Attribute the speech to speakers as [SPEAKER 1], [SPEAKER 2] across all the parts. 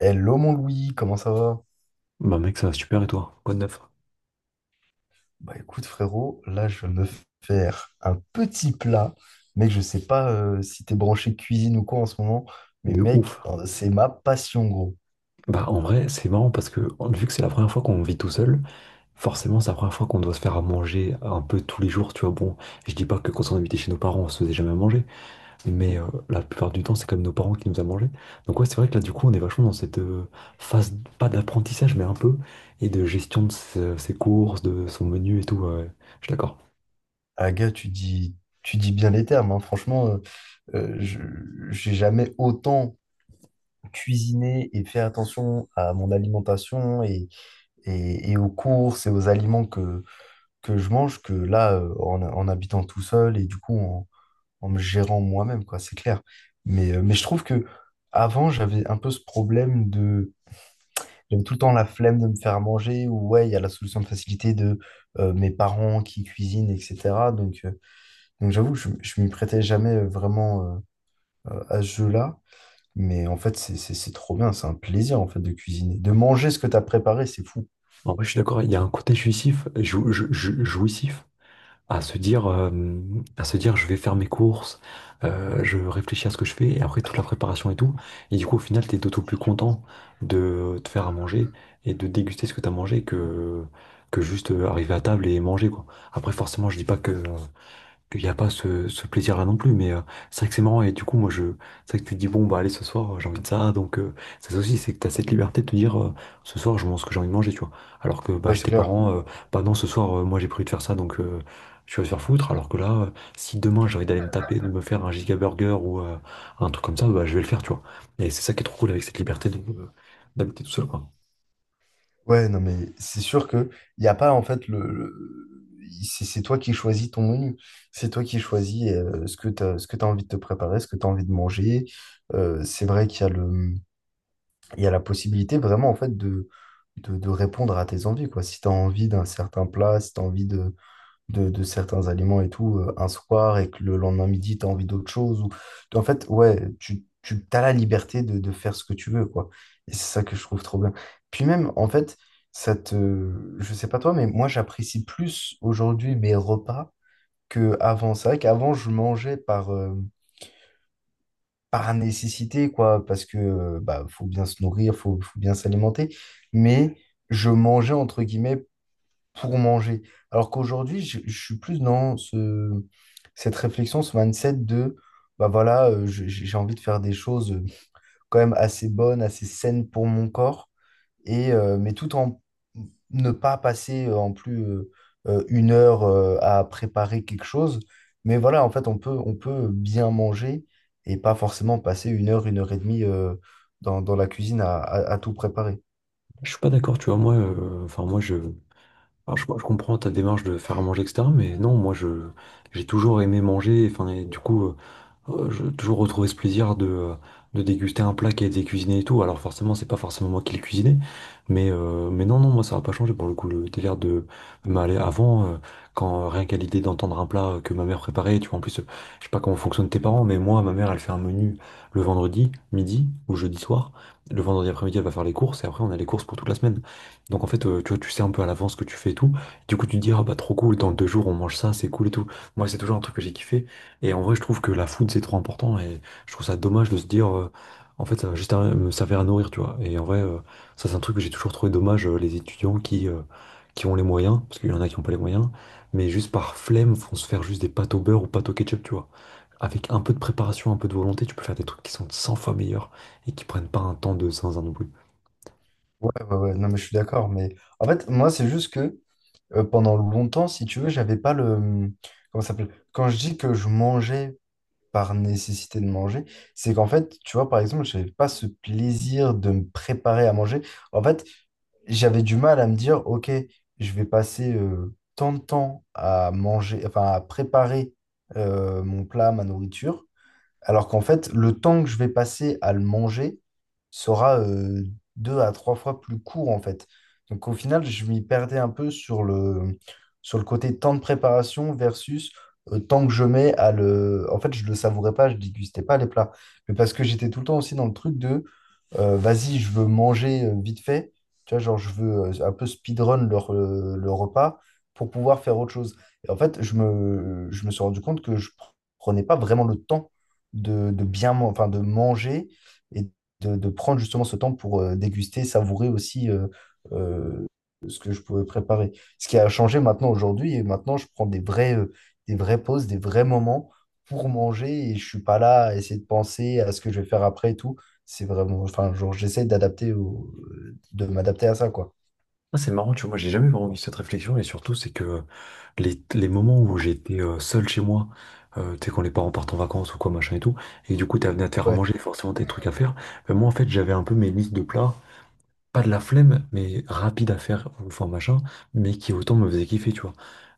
[SPEAKER 1] Hello mon Louis, comment ça va?
[SPEAKER 2] Bah mec, ça va super et toi? Quoi de neuf?
[SPEAKER 1] Bah écoute frérot, là je vais me faire un petit plat, mec je sais pas si t'es branché cuisine ou quoi en ce moment, mais
[SPEAKER 2] De ouf.
[SPEAKER 1] mec c'est ma passion gros.
[SPEAKER 2] Bah en vrai, c'est marrant parce que vu que c'est la première fois qu'on vit tout seul, forcément c'est la première fois qu'on doit se faire à manger un peu tous les jours, tu vois. Bon, je dis pas que quand on habitait chez nos parents, on se faisait jamais à manger, mais la plupart du temps, c'est quand même nos parents qui nous a mangé. Donc ouais, c'est vrai que là du coup, on est vachement dans cette phase, pas d'apprentissage, mais un peu, et de gestion de ses courses, de son menu et tout. Ouais. Ouais, je suis d'accord.
[SPEAKER 1] Ah gars tu dis bien les termes, hein. Franchement euh, je- j'ai jamais autant cuisiné et fait attention à mon alimentation et aux courses et aux aliments que je mange que là en habitant tout seul et du coup en me gérant moi-même, quoi, c'est clair. Mais je trouve que avant, j'avais un peu ce problème de. J'avais tout le temps la flemme de me faire à manger, ou ouais, il y a la solution de facilité de mes parents qui cuisinent, etc. Donc j'avoue, que je ne m'y prêtais jamais vraiment à ce jeu-là. Mais en fait, c'est trop bien, c'est un plaisir en fait de cuisiner. De manger ce que tu as préparé, c'est fou.
[SPEAKER 2] En vrai, je suis d'accord, il y a un côté jouissif, jouissif à se dire, euh, à se dire, je vais faire mes courses, je réfléchis à ce que je fais, et après toute la préparation et tout. Et du coup, au final, t'es d'autant plus content de te faire à manger et de déguster ce que t'as mangé que juste arriver à table et manger, quoi. Après, forcément, je dis pas que, qu'il n'y a pas ce plaisir-là non plus. Mais c'est vrai que c'est marrant. Et du coup, c'est vrai que tu te dis, bon, bah, allez, ce soir, j'ai envie de ça. Donc, c'est ça aussi, c'est que tu as cette liberté de te dire, ce soir, je mange ce que j'ai envie de manger, tu vois. Alors que, bah,
[SPEAKER 1] Ouais,
[SPEAKER 2] chez
[SPEAKER 1] c'est
[SPEAKER 2] tes
[SPEAKER 1] clair.
[SPEAKER 2] parents, bah, non, ce soir, moi, j'ai prévu de faire ça, donc, tu vas te faire foutre. Alors que là, si demain, j'ai envie d'aller me taper, de me faire un giga burger ou un truc comme ça, bah, je vais le faire, tu vois. Et c'est ça qui est trop cool avec cette liberté de, d'habiter tout seul, quoi.
[SPEAKER 1] Ouais, non, mais c'est sûr que il n'y a pas en fait c'est toi qui choisis ton menu. C'est toi qui choisis ce que tu as, ce que tu envie de te préparer, ce que tu as envie de manger. C'est vrai qu'il y a il y a la possibilité vraiment en fait de répondre à tes envies, quoi. Si tu as envie d'un certain plat, si tu as envie de certains aliments et tout un soir et que le lendemain midi, tu as envie d'autre chose. Ou... En fait, ouais, tu as la liberté de faire ce que tu veux, quoi. Et c'est ça que je trouve trop bien. Puis même, en fait, ça te... Je sais pas toi, mais moi, j'apprécie plus aujourd'hui mes repas qu'avant. C'est vrai qu'avant, je mangeais par... par nécessité, quoi, parce que bah, faut bien se nourrir, faut bien s'alimenter, mais je mangeais entre guillemets pour manger. Alors qu'aujourd'hui, je suis plus dans cette réflexion, ce mindset de, bah voilà, j'ai envie de faire des choses quand même assez bonnes, assez saines pour mon corps, mais tout en ne pas passer en plus une heure à préparer quelque chose. Mais voilà, en fait, on peut bien manger et pas forcément passer une heure et demie dans la cuisine à tout préparer.
[SPEAKER 2] Je suis pas d'accord, tu vois. Moi, enfin, moi, je. Alors, je comprends ta démarche de faire à manger, etc. Mais non, j'ai toujours aimé manger. Enfin, et du coup, j'ai toujours retrouvé ce plaisir de déguster un plat qui a été cuisiné et tout. Alors, forcément, c'est pas forcément moi qui l'ai cuisiné. Mais moi, ça n'a pas changé pour le coup. Le délire de m'aller avant, quand rien qu'à l'idée d'entendre un plat que ma mère préparait, tu vois, en plus, je sais pas comment fonctionnent tes parents, mais moi, ma mère, elle fait un menu le vendredi, midi ou jeudi soir. Le vendredi après-midi, elle va faire les courses et après, on a les courses pour toute la semaine. Donc en fait, tu vois, tu sais un peu à l'avance ce que tu fais et tout. Du coup, tu te dis, ah bah trop cool, dans deux jours on mange ça, c'est cool et tout. Moi, c'est toujours un truc que j'ai kiffé. Et en vrai, je trouve que la food, c'est trop important. Et je trouve ça dommage de se dire, en fait, ça va me servir à nourrir, tu vois. Et en vrai, ça, c'est un truc que j'ai toujours trouvé dommage, les étudiants qui ont les moyens, parce qu'il y en a qui n'ont pas les moyens, mais juste par flemme, vont se faire juste des pâtes au beurre ou pâtes au ketchup, tu vois. Avec un peu de préparation, un peu de volonté, tu peux faire des trucs qui sont 100 fois meilleurs et qui prennent pas un temps de zinzin non plus.
[SPEAKER 1] Ouais, ouais, non, mais je suis d'accord. Mais en fait, moi, c'est juste que pendant longtemps, si tu veux, j'avais pas le... Comment ça s'appelle? Quand je dis que je mangeais par nécessité de manger, c'est qu'en fait, tu vois, par exemple, j'avais pas ce plaisir de me préparer à manger. En fait, j'avais du mal à me dire, OK, je vais passer tant de temps à manger, enfin, à préparer mon plat, ma nourriture. Alors qu'en fait, le temps que je vais passer à le manger sera deux à trois fois plus court, en fait. Donc au final, je m'y perdais un peu sur sur le côté temps de préparation versus temps que je mets à le... En fait, je le savourais pas, je dégustais pas les plats. Mais parce que j'étais tout le temps aussi dans le truc de vas-y, je veux manger vite fait, tu vois, genre je veux un peu speedrun leur, le repas pour pouvoir faire autre chose. Et en fait, je me suis rendu compte que je prenais pas vraiment le temps de bien, enfin, de manger et de prendre justement ce temps pour déguster, savourer aussi euh, ce que je pouvais préparer. Ce qui a changé maintenant aujourd'hui, et maintenant je prends des vrais, des vraies pauses, des vrais moments pour manger et je suis pas là à essayer de penser à ce que je vais faire après et tout c'est vraiment, enfin, genre, de m'adapter à ça, quoi.
[SPEAKER 2] Ah, c'est marrant, tu vois, moi j'ai jamais vraiment eu cette réflexion et surtout c'est que les moments où j'étais seul chez moi, tu sais quand les parents partent en vacances ou quoi machin et tout, et du coup t'as venu à te faire à
[SPEAKER 1] Ouais.
[SPEAKER 2] manger, forcément t'as des trucs à faire, moi en fait j'avais un peu mes listes de plats pas de la flemme, mais rapide à faire, enfin machin, mais qui autant me faisait kiffer, tu vois.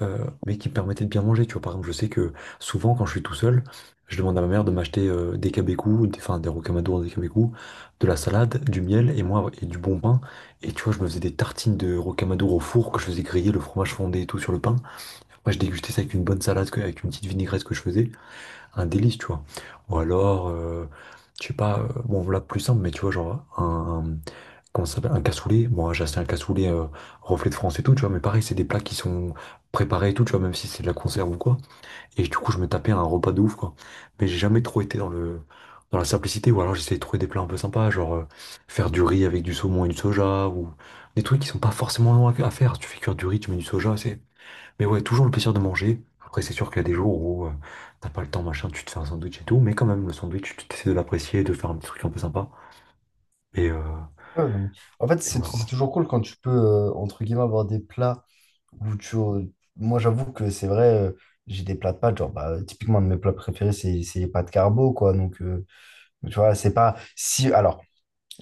[SPEAKER 2] Mais qui me permettait de bien manger, tu vois. Par exemple, je sais que souvent, quand je suis tout seul, je demande à ma mère de m'acheter des cabecous, des, enfin des rocamadours, des cabecous, de la salade, du miel et moi et du bon pain. Et tu vois, je me faisais des tartines de rocamadour au four que je faisais griller le fromage fondé et tout sur le pain. Moi, je dégustais ça avec une bonne salade, avec une petite vinaigrette que je faisais, un délice, tu vois. Ou alors, je sais pas, bon là plus simple, mais tu vois, comment ça s'appelle, un cassoulet. Bon, j'ai acheté un cassoulet reflet de France et tout, tu vois, mais pareil, c'est des plats qui sont préparés et tout, tu vois, même si c'est de la conserve ou quoi. Et du coup, je me tapais un repas de ouf, quoi. Mais j'ai jamais trop été dans le dans la simplicité, ou alors j'essayais de trouver des plats un peu sympas, faire du riz avec du saumon et du soja, ou des trucs qui sont pas forcément longs à faire. Si tu fais cuire du riz, tu mets du soja, c'est. Mais ouais, toujours le plaisir de manger. Après, c'est sûr qu'il y a des jours où t'as pas le temps, machin, tu te fais un sandwich et tout, mais quand même, le sandwich, tu essaies de l'apprécier, de faire un petit truc un peu sympa. Et, euh,
[SPEAKER 1] Ouais, non, mais- En fait,
[SPEAKER 2] et voilà quoi.
[SPEAKER 1] c'est toujours cool quand tu peux, entre guillemets, avoir des plats où tu. Moi, j'avoue que c'est vrai, j'ai des plats de pâtes. Genre, bah, typiquement, un de mes plats préférés, c'est les pâtes carbo, quoi. Donc, tu vois, c'est pas. Si, alors,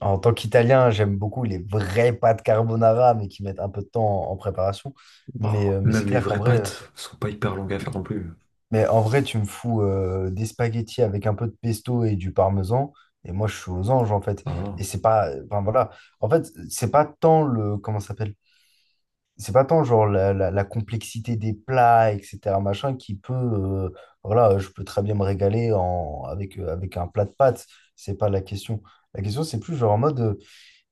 [SPEAKER 1] en tant qu'Italien, j'aime beaucoup les vraies pâtes carbonara, mais qui mettent un peu de temps en préparation. Mais c'est
[SPEAKER 2] Même les
[SPEAKER 1] clair qu'en
[SPEAKER 2] vraies
[SPEAKER 1] vrai.
[SPEAKER 2] pâtes sont pas hyper longues à faire non plus.
[SPEAKER 1] Mais en vrai, tu me fous des spaghettis avec un peu de pesto et du parmesan, et moi je suis aux anges en fait.
[SPEAKER 2] Ah,
[SPEAKER 1] Et
[SPEAKER 2] voilà.
[SPEAKER 1] c'est pas, enfin voilà, en fait, c'est pas tant le, comment ça s'appelle? C'est pas tant genre la complexité des plats, etc. machin, qui peut, voilà, je peux très bien me régaler avec un plat de pâtes, c'est pas la question. La question, c'est plus genre en mode,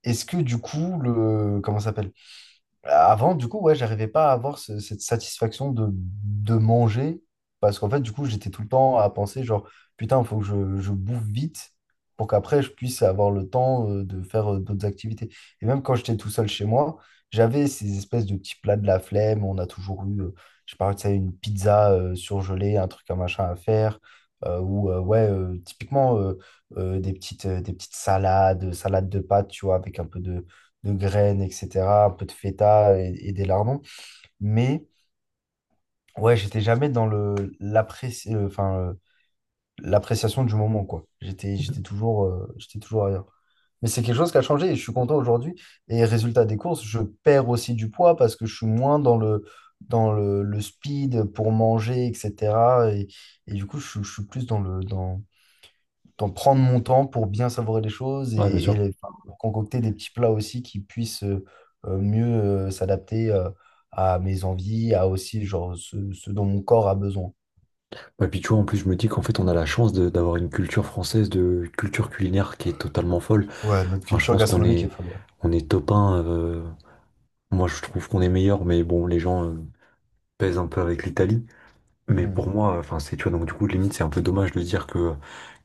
[SPEAKER 1] est-ce que du coup, le, comment ça s'appelle? Avant, du coup, ouais, j'arrivais pas à avoir ce- cette satisfaction de manger parce qu'en fait, du coup, j'étais tout le temps à penser genre, putain, il faut que je bouffe vite pour qu'après, je puisse avoir le temps de faire d'autres activités. Et même quand j'étais tout seul chez moi, j'avais ces espèces de petits plats de la flemme. On a toujours eu, je parlais de ça, une pizza surgelée, un truc, un machin à faire. Ou ouais, typiquement des petites salades, salades de pâtes, tu vois, avec un peu de graines, etc., un peu de feta et des lardons. Mais ouais, j'étais jamais dans le, enfin, l'appréciation du moment, quoi. J'étais toujours ailleurs. Mais c'est quelque chose qui a changé et je suis content aujourd'hui. Et résultat des courses, je perds aussi du poids parce que je suis moins dans dans le speed pour manger, etc. Et du coup, je suis plus dans dans, d'en prendre mon temps pour bien savourer les choses
[SPEAKER 2] Ouais, bien
[SPEAKER 1] et
[SPEAKER 2] sûr.
[SPEAKER 1] enfin, pour concocter des petits plats aussi qui puissent mieux s'adapter à mes envies, à aussi genre ce dont mon corps a besoin.
[SPEAKER 2] Et puis tu vois, en plus, je me dis qu'en fait, on a d'avoir une culture française de culture culinaire qui est totalement folle.
[SPEAKER 1] Ouais, notre
[SPEAKER 2] Enfin, je
[SPEAKER 1] culture
[SPEAKER 2] pense qu'on
[SPEAKER 1] gastronomique est
[SPEAKER 2] est,
[SPEAKER 1] folle, ouais.
[SPEAKER 2] on est top un. Moi, je trouve qu'on est meilleur, mais bon, les gens pèsent un peu avec l'Italie. Mais
[SPEAKER 1] Hmm.
[SPEAKER 2] pour moi, enfin, c'est, tu vois, donc du coup, limite, c'est un peu dommage de dire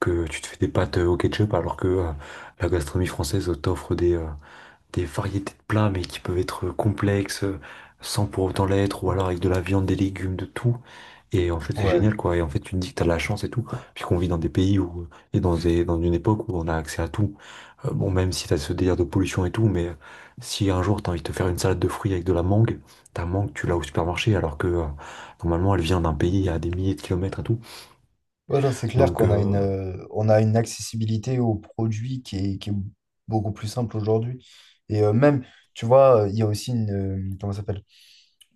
[SPEAKER 2] que tu te fais des pâtes au ketchup alors que la gastronomie française t'offre des variétés de plats, mais qui peuvent être complexes, sans pour autant l'être, ou alors avec de la viande, des légumes, de tout. Et en fait, c'est
[SPEAKER 1] Ouais.
[SPEAKER 2] génial, quoi. Et en fait, tu te dis que t'as de la chance et tout. Puis qu'on vit dans des pays où, et dans dans une époque où on a accès à tout. Bon, même si t'as ce délire de pollution et tout, mais si un jour t'as envie de te faire une salade de fruits avec de la mangue, ta mangue, tu l'as au supermarché, alors que normalement, elle vient d'un pays à des milliers de kilomètres et tout.
[SPEAKER 1] Ouais, non, c'est clair
[SPEAKER 2] Donc,
[SPEAKER 1] qu'on a une, on a une accessibilité aux produits qui est beaucoup plus simple aujourd'hui. Et même, tu vois, il y a aussi une, comment ça s'appelle?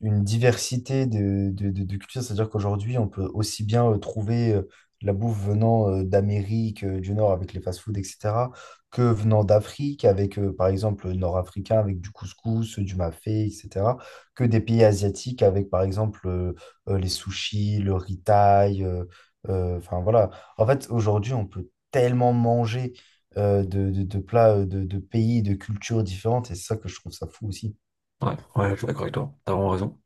[SPEAKER 1] Une diversité de cultures. C'est-à-dire qu'aujourd'hui, on peut aussi bien trouver la bouffe venant d'Amérique du Nord avec les fast-foods, etc., que venant d'Afrique avec, par exemple, le nord-africain avec du couscous, du mafé, etc., que des pays asiatiques avec, par exemple, les sushis, le riz thaï. Enfin, voilà. En fait, aujourd'hui, on peut tellement manger. De plats de pays, de cultures différentes, et c'est ça que je trouve ça fou aussi.
[SPEAKER 2] ouais, je suis d'accord avec toi. T'as vraiment raison.